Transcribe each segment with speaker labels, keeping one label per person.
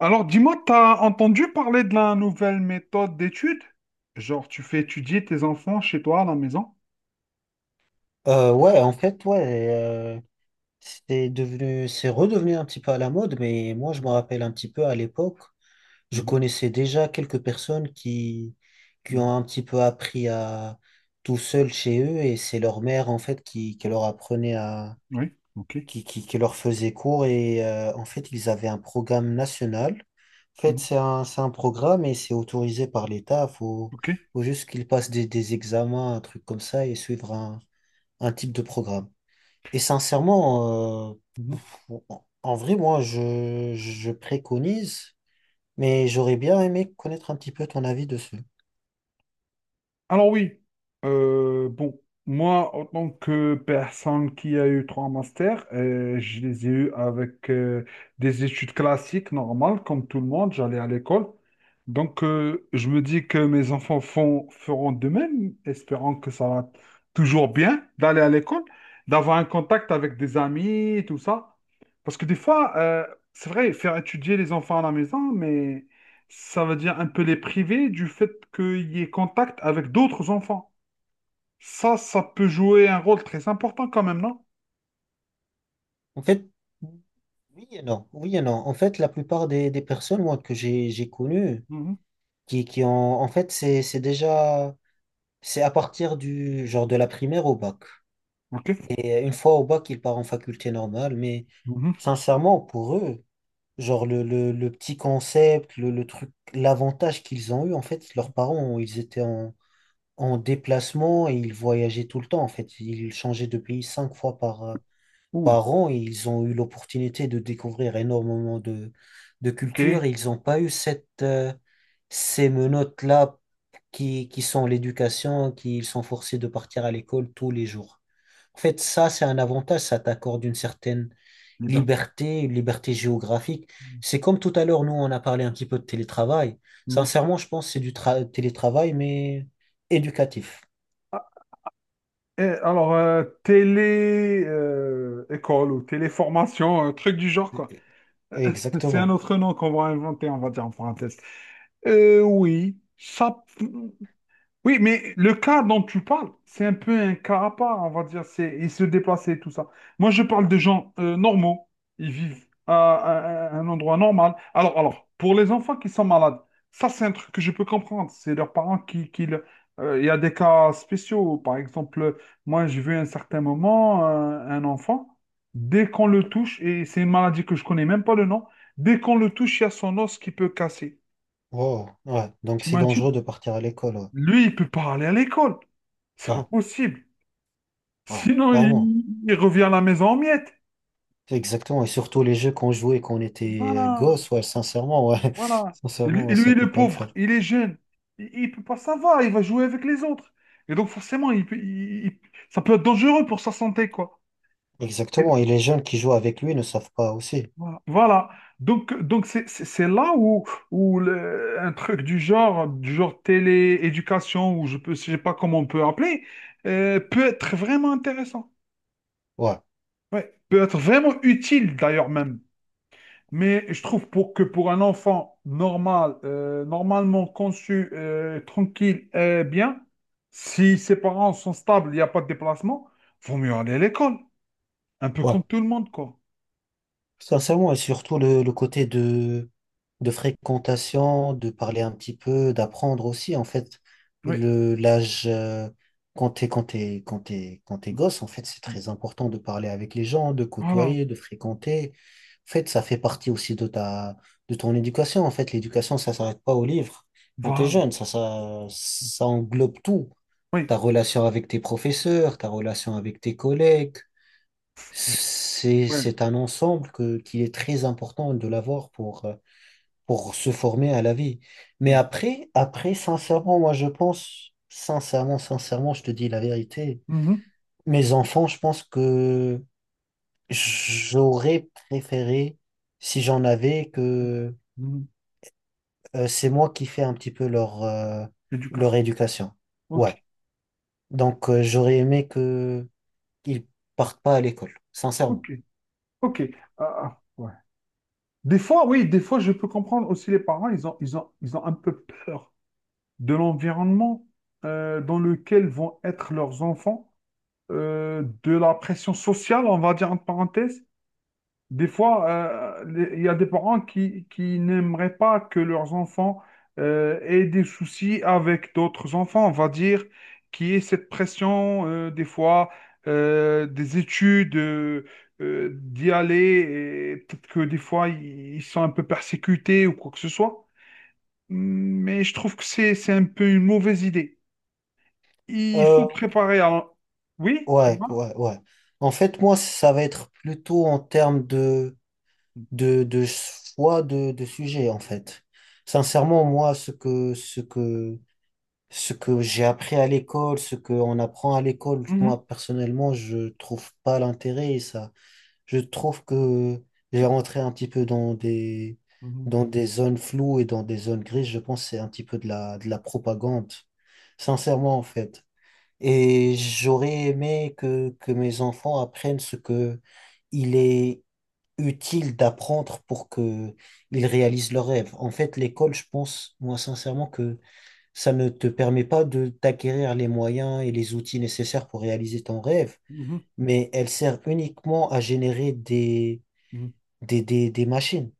Speaker 1: Alors, dis-moi, t'as entendu parler de la nouvelle méthode d'étude? Genre, tu fais étudier tes enfants chez toi à la maison?
Speaker 2: Ouais, en fait, ouais, euh, c'est redevenu un petit peu à la mode, mais moi, je me rappelle un petit peu à l'époque, je
Speaker 1: Mhm,
Speaker 2: connaissais déjà quelques personnes qui ont
Speaker 1: mhm,
Speaker 2: un petit peu appris à tout seul chez eux, et c'est
Speaker 1: mhm.
Speaker 2: leur mère, en fait, qui leur apprenait à,
Speaker 1: Oui, ok.
Speaker 2: qui leur faisait cours, et en fait, ils avaient un programme national. En fait,
Speaker 1: Mhm.
Speaker 2: c'est un programme et c'est autorisé par l'État, faut,
Speaker 1: Ok.
Speaker 2: faut juste qu'ils passent des examens, un truc comme ça, et suivre un type de programme. Et sincèrement, en vrai, moi, je préconise, mais j'aurais bien aimé connaître un petit peu ton avis dessus.
Speaker 1: Alors oui, bon, moi, en tant que personne qui a eu trois masters, je les ai eus avec des études classiques normales, comme tout le monde, j'allais à l'école. Donc, je me dis que mes enfants font, feront de même, espérant que ça va toujours bien d'aller à l'école, d'avoir un contact avec des amis, tout ça. Parce que des fois, c'est vrai, faire étudier les enfants à la maison, mais ça veut dire un peu les priver du fait qu'il y ait contact avec d'autres enfants. Ça peut jouer un rôle très important quand même, non?
Speaker 2: En fait, oui et non. Oui et non. En fait, la plupart des personnes, moi, que j'ai connues,
Speaker 1: Mhm.
Speaker 2: qui ont, en fait, c'est à partir du, genre, de la primaire au bac.
Speaker 1: Ok.
Speaker 2: Et une fois au bac, ils partent en faculté normale, mais
Speaker 1: Mhm.
Speaker 2: sincèrement, pour eux, genre, le petit concept, le truc, l'avantage qu'ils ont eu, en fait, leurs parents, ils étaient en déplacement et ils voyageaient tout le temps. En fait, ils changeaient de pays 5 fois
Speaker 1: Ouh.
Speaker 2: par an et ils ont eu l'opportunité de découvrir énormément de
Speaker 1: Ok.
Speaker 2: cultures. Ils n'ont pas eu ces menottes-là qui sont l'éducation, qui ils sont forcés de partir à l'école tous les jours. En fait, ça, c'est un avantage, ça t'accorde une certaine
Speaker 1: Liberté.
Speaker 2: liberté, une liberté géographique. C'est comme tout à l'heure, nous, on a parlé un petit peu de télétravail.
Speaker 1: Mhm.
Speaker 2: Sincèrement, je pense que c'est télétravail, mais éducatif.
Speaker 1: Ah, et alors, télé école ou téléformation, un truc du genre, quoi. C'est un
Speaker 2: Exactement.
Speaker 1: autre nom qu'on va inventer, on va dire en parenthèse. Oui, ça. Oui, mais le cas dont tu parles, c'est un peu un cas à part, on va dire. C'est, ils se déplaçaient, tout ça. Moi, je parle de gens normaux. Ils vivent à, à un endroit normal. Alors, pour les enfants qui sont malades, ça, c'est un truc que je peux comprendre. C'est leurs parents qui... il y a des cas spéciaux. Par exemple, moi, j'ai vu à un certain moment un enfant, dès qu'on le touche, et c'est une maladie que je connais même pas le nom, dès qu'on le touche, il y a son os qui peut casser.
Speaker 2: Wow. Ouais. Donc c'est
Speaker 1: T'imagines?
Speaker 2: dangereux de partir à l'école. Ouais.
Speaker 1: Lui, il peut pas aller à l'école. C'est
Speaker 2: Ouais.
Speaker 1: pas possible.
Speaker 2: Ouais.
Speaker 1: Sinon,
Speaker 2: Carrément.
Speaker 1: il revient à la maison en miettes.
Speaker 2: Exactement. Et surtout les jeux qu'on jouait quand on était
Speaker 1: Voilà,
Speaker 2: gosse, ouais, sincèrement, ouais.
Speaker 1: voilà.
Speaker 2: Sincèrement,
Speaker 1: Et
Speaker 2: ouais, ça
Speaker 1: lui,
Speaker 2: peut
Speaker 1: le
Speaker 2: pas le
Speaker 1: pauvre,
Speaker 2: faire.
Speaker 1: il est jeune. Il peut pas savoir, il va jouer avec les autres. Et donc, forcément, il, peut- il- ça peut être dangereux pour sa santé, quoi. Et donc,
Speaker 2: Exactement. Et les jeunes qui jouent avec lui ne savent pas aussi.
Speaker 1: voilà. Voilà. Donc, c'est là où un truc du genre télé-éducation, ou sais pas comment on peut appeler, peut être vraiment intéressant.
Speaker 2: Ouais.
Speaker 1: Ouais. Peut être vraiment utile, d'ailleurs, même. Mais je trouve pour un enfant normal, normalement conçu, tranquille et bien, si ses parents sont stables, il n'y a pas de déplacement, vaut mieux aller à l'école. Un peu
Speaker 2: Ouais.
Speaker 1: comme tout le monde, quoi.
Speaker 2: Sincèrement, et surtout le côté de fréquentation, de parler un petit peu, d'apprendre aussi, en fait,
Speaker 1: Oui.
Speaker 2: l'âge, quand t'es
Speaker 1: Oui,
Speaker 2: gosse, en fait, c'est
Speaker 1: oui.
Speaker 2: très important de parler avec les gens, de
Speaker 1: Voilà.
Speaker 2: côtoyer, de fréquenter. En fait, ça fait partie aussi de ton éducation. En fait, l'éducation, ça s'arrête pas au livre. Quand t'es
Speaker 1: Voilà.
Speaker 2: jeune, ça englobe tout.
Speaker 1: Oui.
Speaker 2: Ta relation avec tes professeurs, ta relation avec tes collègues,
Speaker 1: C'est-
Speaker 2: c'est,
Speaker 1: ouais.
Speaker 2: c'est un ensemble qui est très important de l'avoir pour se former à la vie. Mais après, sincèrement, moi, je pense, sincèrement, je te dis la vérité.
Speaker 1: Mhm.
Speaker 2: Mes enfants, je pense que j'aurais préféré, si j'en avais, que
Speaker 1: Mhm.
Speaker 2: euh, c'est moi qui fais un petit peu leur
Speaker 1: Éducation.
Speaker 2: éducation.
Speaker 1: Ok.
Speaker 2: Ouais. Donc, j'aurais aimé que qu'ils partent pas à l'école, sincèrement.
Speaker 1: Ok. Ok. Ah, ah, ouais. Des fois, oui, des fois, je peux comprendre aussi les parents, ils ont un peu peur de l'environnement dans lequel vont être leurs enfants, de la pression sociale, on va dire entre parenthèses. Des fois, il y a des parents qui n'aimeraient pas que leurs enfants aient des soucis avec d'autres enfants, on va dire, qui est cette pression, des fois, des études, d'y aller, et peut-être que des fois, ils sont un peu persécutés ou quoi que ce soit. Mais je trouve que c'est un peu une mauvaise idée. Il faut
Speaker 2: Euh,
Speaker 1: préparer un... Oui,
Speaker 2: Ouais,
Speaker 1: dis-moi.
Speaker 2: ouais, ouais. En fait, moi, ça va être plutôt en termes de choix de sujet, en fait. Sincèrement, moi, ce que j'ai appris à l'école, ce qu'on apprend à l'école,
Speaker 1: Mhm,
Speaker 2: moi, personnellement, je trouve pas l'intérêt et ça. Je trouve que j'ai rentré un petit peu dans des,
Speaker 1: mhm,
Speaker 2: dans des zones floues et dans des zones grises. Je pense que c'est un petit peu de la propagande. Sincèrement, en fait. Et j'aurais aimé que mes enfants apprennent ce que il est utile d'apprendre pour que ils réalisent leurs rêves. En fait, l'école, je pense, moi, sincèrement, que ça ne te permet pas de d'acquérir les moyens et les outils nécessaires pour réaliser ton rêve,
Speaker 1: mhm,
Speaker 2: mais elle sert uniquement à générer des,
Speaker 1: mhm.
Speaker 2: des, des, des machines,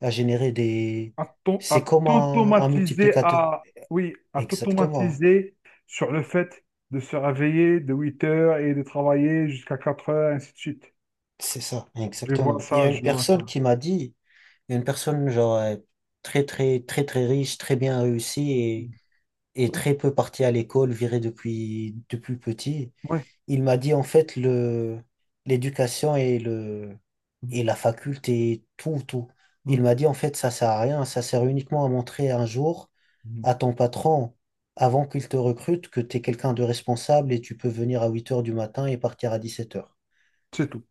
Speaker 2: à générer des...
Speaker 1: À t'au-
Speaker 2: C'est
Speaker 1: à
Speaker 2: comme un
Speaker 1: t'automatiser
Speaker 2: multiplicateur.
Speaker 1: à... Oui, à
Speaker 2: Exactement.
Speaker 1: t'automatiser sur le fait de se réveiller de 8h et de travailler jusqu'à 4h, ainsi de suite.
Speaker 2: C'est ça,
Speaker 1: Je vais voir
Speaker 2: exactement. Il y
Speaker 1: ça,
Speaker 2: a
Speaker 1: je
Speaker 2: une
Speaker 1: vais voir ça.
Speaker 2: personne qui m'a dit, une personne genre très très très très riche, très bien réussie et,
Speaker 1: Mhm.
Speaker 2: et
Speaker 1: Ouais,
Speaker 2: très peu partie à l'école, virée depuis petit.
Speaker 1: ouais.
Speaker 2: Il m'a dit en fait le l'éducation
Speaker 1: Mhm,
Speaker 2: et la faculté, tout tout. Il
Speaker 1: mhm,
Speaker 2: m'a dit en fait ça sert à rien, ça sert uniquement à montrer un jour
Speaker 1: mhm.
Speaker 2: à ton patron avant qu'il te recrute que tu es quelqu'un de responsable et tu peux venir à 8 heures du matin et partir à 17 heures.
Speaker 1: C'est tout.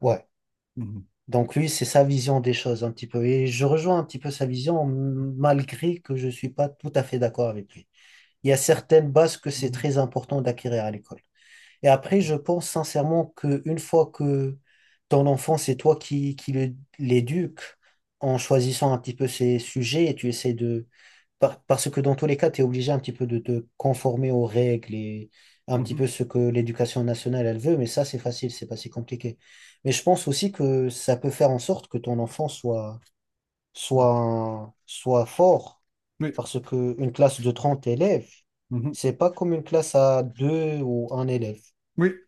Speaker 2: Ouais.
Speaker 1: Mhm,
Speaker 2: Donc lui, c'est sa vision des choses un petit peu. Et je rejoins un petit peu sa vision, malgré que je ne suis pas tout à fait d'accord avec lui. Il y a certaines bases que c'est
Speaker 1: mhm,
Speaker 2: très important d'acquérir à l'école. Et après, je pense sincèrement qu'une fois que ton enfant, c'est toi l'éduques en choisissant un petit peu ses sujets et tu essaies de... Parce que dans tous les cas, tu es obligé un petit peu de te conformer aux règles et un
Speaker 1: mhm,
Speaker 2: petit
Speaker 1: mhm,
Speaker 2: peu ce que l'éducation nationale, elle veut, mais ça, c'est facile, c'est pas si compliqué. Mais je pense aussi que ça peut faire en sorte que ton enfant
Speaker 1: mhm.
Speaker 2: soit fort,
Speaker 1: Oui,
Speaker 2: parce que une classe de 30 élèves,
Speaker 1: mhm.
Speaker 2: c'est pas comme une classe à deux ou un élève.
Speaker 1: Oui,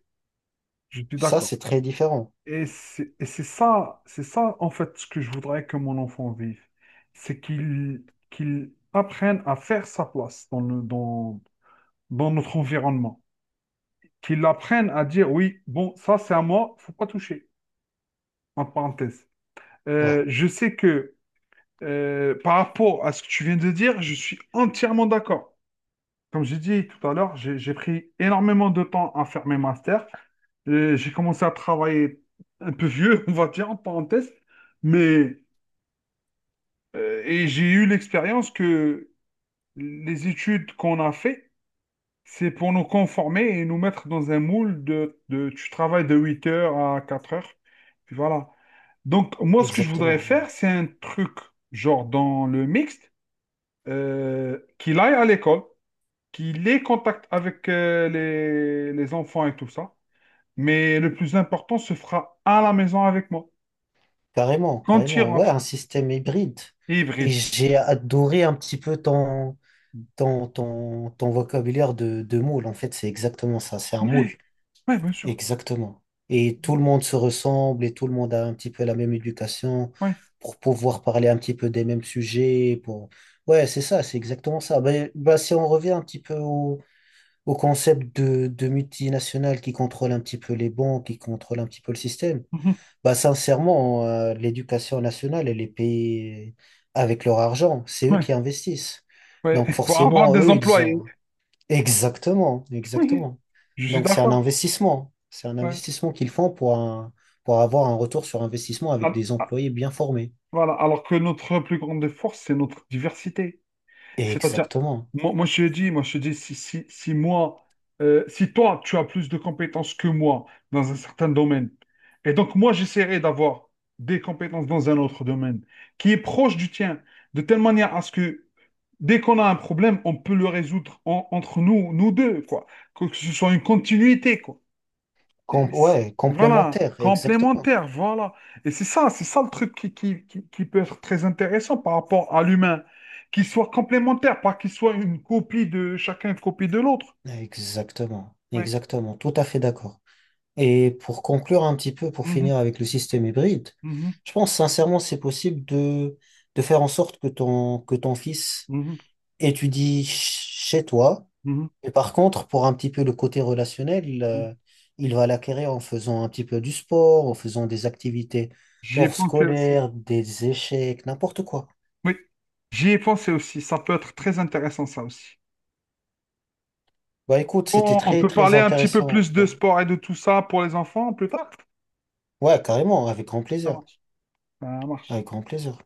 Speaker 1: je suis
Speaker 2: Ça,
Speaker 1: d'accord.
Speaker 2: c'est très différent.
Speaker 1: Et c'est ça en fait ce que je voudrais que mon enfant vive. C'est qu'il apprenne à faire sa place dans dans notre environnement. Qu'il apprenne à dire oui, bon, ça c'est à moi, faut pas toucher, en parenthèse.
Speaker 2: Ouais,
Speaker 1: Je sais que par rapport à ce que tu viens de dire, je suis entièrement d'accord. Comme j'ai dit tout à l'heure, j'ai pris énormément de temps à faire mes masters. J'ai commencé à travailler un peu vieux, on va dire, en parenthèse, mais. Et j'ai eu l'expérience que les études qu'on a fait, c'est pour nous conformer et nous mettre dans un moule de tu travailles de 8h à 4h. Puis voilà. Donc, moi, ce que je voudrais
Speaker 2: exactement. Ouais.
Speaker 1: faire, c'est un truc, genre dans le mixte, qu'il aille à l'école, qu'il ait contact avec les enfants et tout ça. Mais le plus important se fera à la maison avec moi,
Speaker 2: Carrément,
Speaker 1: quand il
Speaker 2: carrément. Ouais,
Speaker 1: rentre,
Speaker 2: un système hybride. Et
Speaker 1: hybride.
Speaker 2: j'ai adoré un petit peu ton vocabulaire de moule. En fait, c'est exactement ça. C'est un moule.
Speaker 1: Ouais, ouais, bien sûr.
Speaker 2: Exactement. Et tout le monde se ressemble et tout le monde a un petit peu la même éducation
Speaker 1: Ouais.
Speaker 2: pour pouvoir parler un petit peu des mêmes sujets. Pour... Ouais, c'est ça, c'est exactement ça. Ben, si on revient un petit peu au concept de multinationales qui contrôle un petit peu les banques, qui contrôle un petit peu le système, bah, sincèrement, l'éducation nationale, elle est payée avec leur argent. C'est eux qui
Speaker 1: Ouais.
Speaker 2: investissent.
Speaker 1: Ouais,
Speaker 2: Donc,
Speaker 1: pour avoir
Speaker 2: forcément,
Speaker 1: des
Speaker 2: eux, ils ont.
Speaker 1: employés.
Speaker 2: Exactement,
Speaker 1: Oui,
Speaker 2: exactement.
Speaker 1: je suis
Speaker 2: Donc, c'est un
Speaker 1: d'accord.
Speaker 2: investissement. C'est un
Speaker 1: Ouais.
Speaker 2: investissement qu'ils font pour avoir un retour sur investissement avec
Speaker 1: Ah,
Speaker 2: des
Speaker 1: ah,
Speaker 2: employés bien formés.
Speaker 1: voilà. Alors que notre plus grande force, c'est notre diversité. C'est-à-dire,
Speaker 2: Exactement.
Speaker 1: je te dis, si moi, si toi, tu as plus de compétences que moi dans un certain domaine, et donc moi, j'essaierai d'avoir des compétences dans un autre domaine qui est proche du tien, de telle manière à ce que dès qu'on a un problème, on peut le résoudre entre nous, nous deux, quoi. Que ce soit une continuité, quoi. Et c-
Speaker 2: Ouais,
Speaker 1: Voilà,
Speaker 2: complémentaire, exactement.
Speaker 1: complémentaire, voilà. Et c'est ça le truc qui peut être très intéressant par rapport à l'humain. Qu'il soit complémentaire, pas qu'il soit une copie de chacun, une copie de l'autre.
Speaker 2: Exactement,
Speaker 1: Ouais.
Speaker 2: exactement. Tout à fait d'accord. Et pour conclure un petit peu, pour
Speaker 1: Mhm,
Speaker 2: finir avec le système hybride,
Speaker 1: mhm,
Speaker 2: je pense sincèrement c'est possible de faire en sorte que que ton fils
Speaker 1: mhm,
Speaker 2: étudie chez toi.
Speaker 1: mhm,
Speaker 2: Et par contre, pour un petit peu le côté relationnel,
Speaker 1: mhm.
Speaker 2: il va l'acquérir en faisant un petit peu du sport, en faisant des activités
Speaker 1: J'y ai
Speaker 2: hors
Speaker 1: pensé aussi.
Speaker 2: scolaires, des échecs, n'importe quoi.
Speaker 1: Oui, j'y ai pensé aussi. Ça peut être très intéressant, ça aussi.
Speaker 2: Bah écoute, c'était
Speaker 1: Bon, on
Speaker 2: très
Speaker 1: peut
Speaker 2: très
Speaker 1: parler un petit peu
Speaker 2: intéressant.
Speaker 1: plus de sport et de tout ça pour les enfants plus tard.
Speaker 2: Ouais, carrément, avec grand
Speaker 1: Ça
Speaker 2: plaisir.
Speaker 1: marche. Ça marche.
Speaker 2: Avec grand plaisir.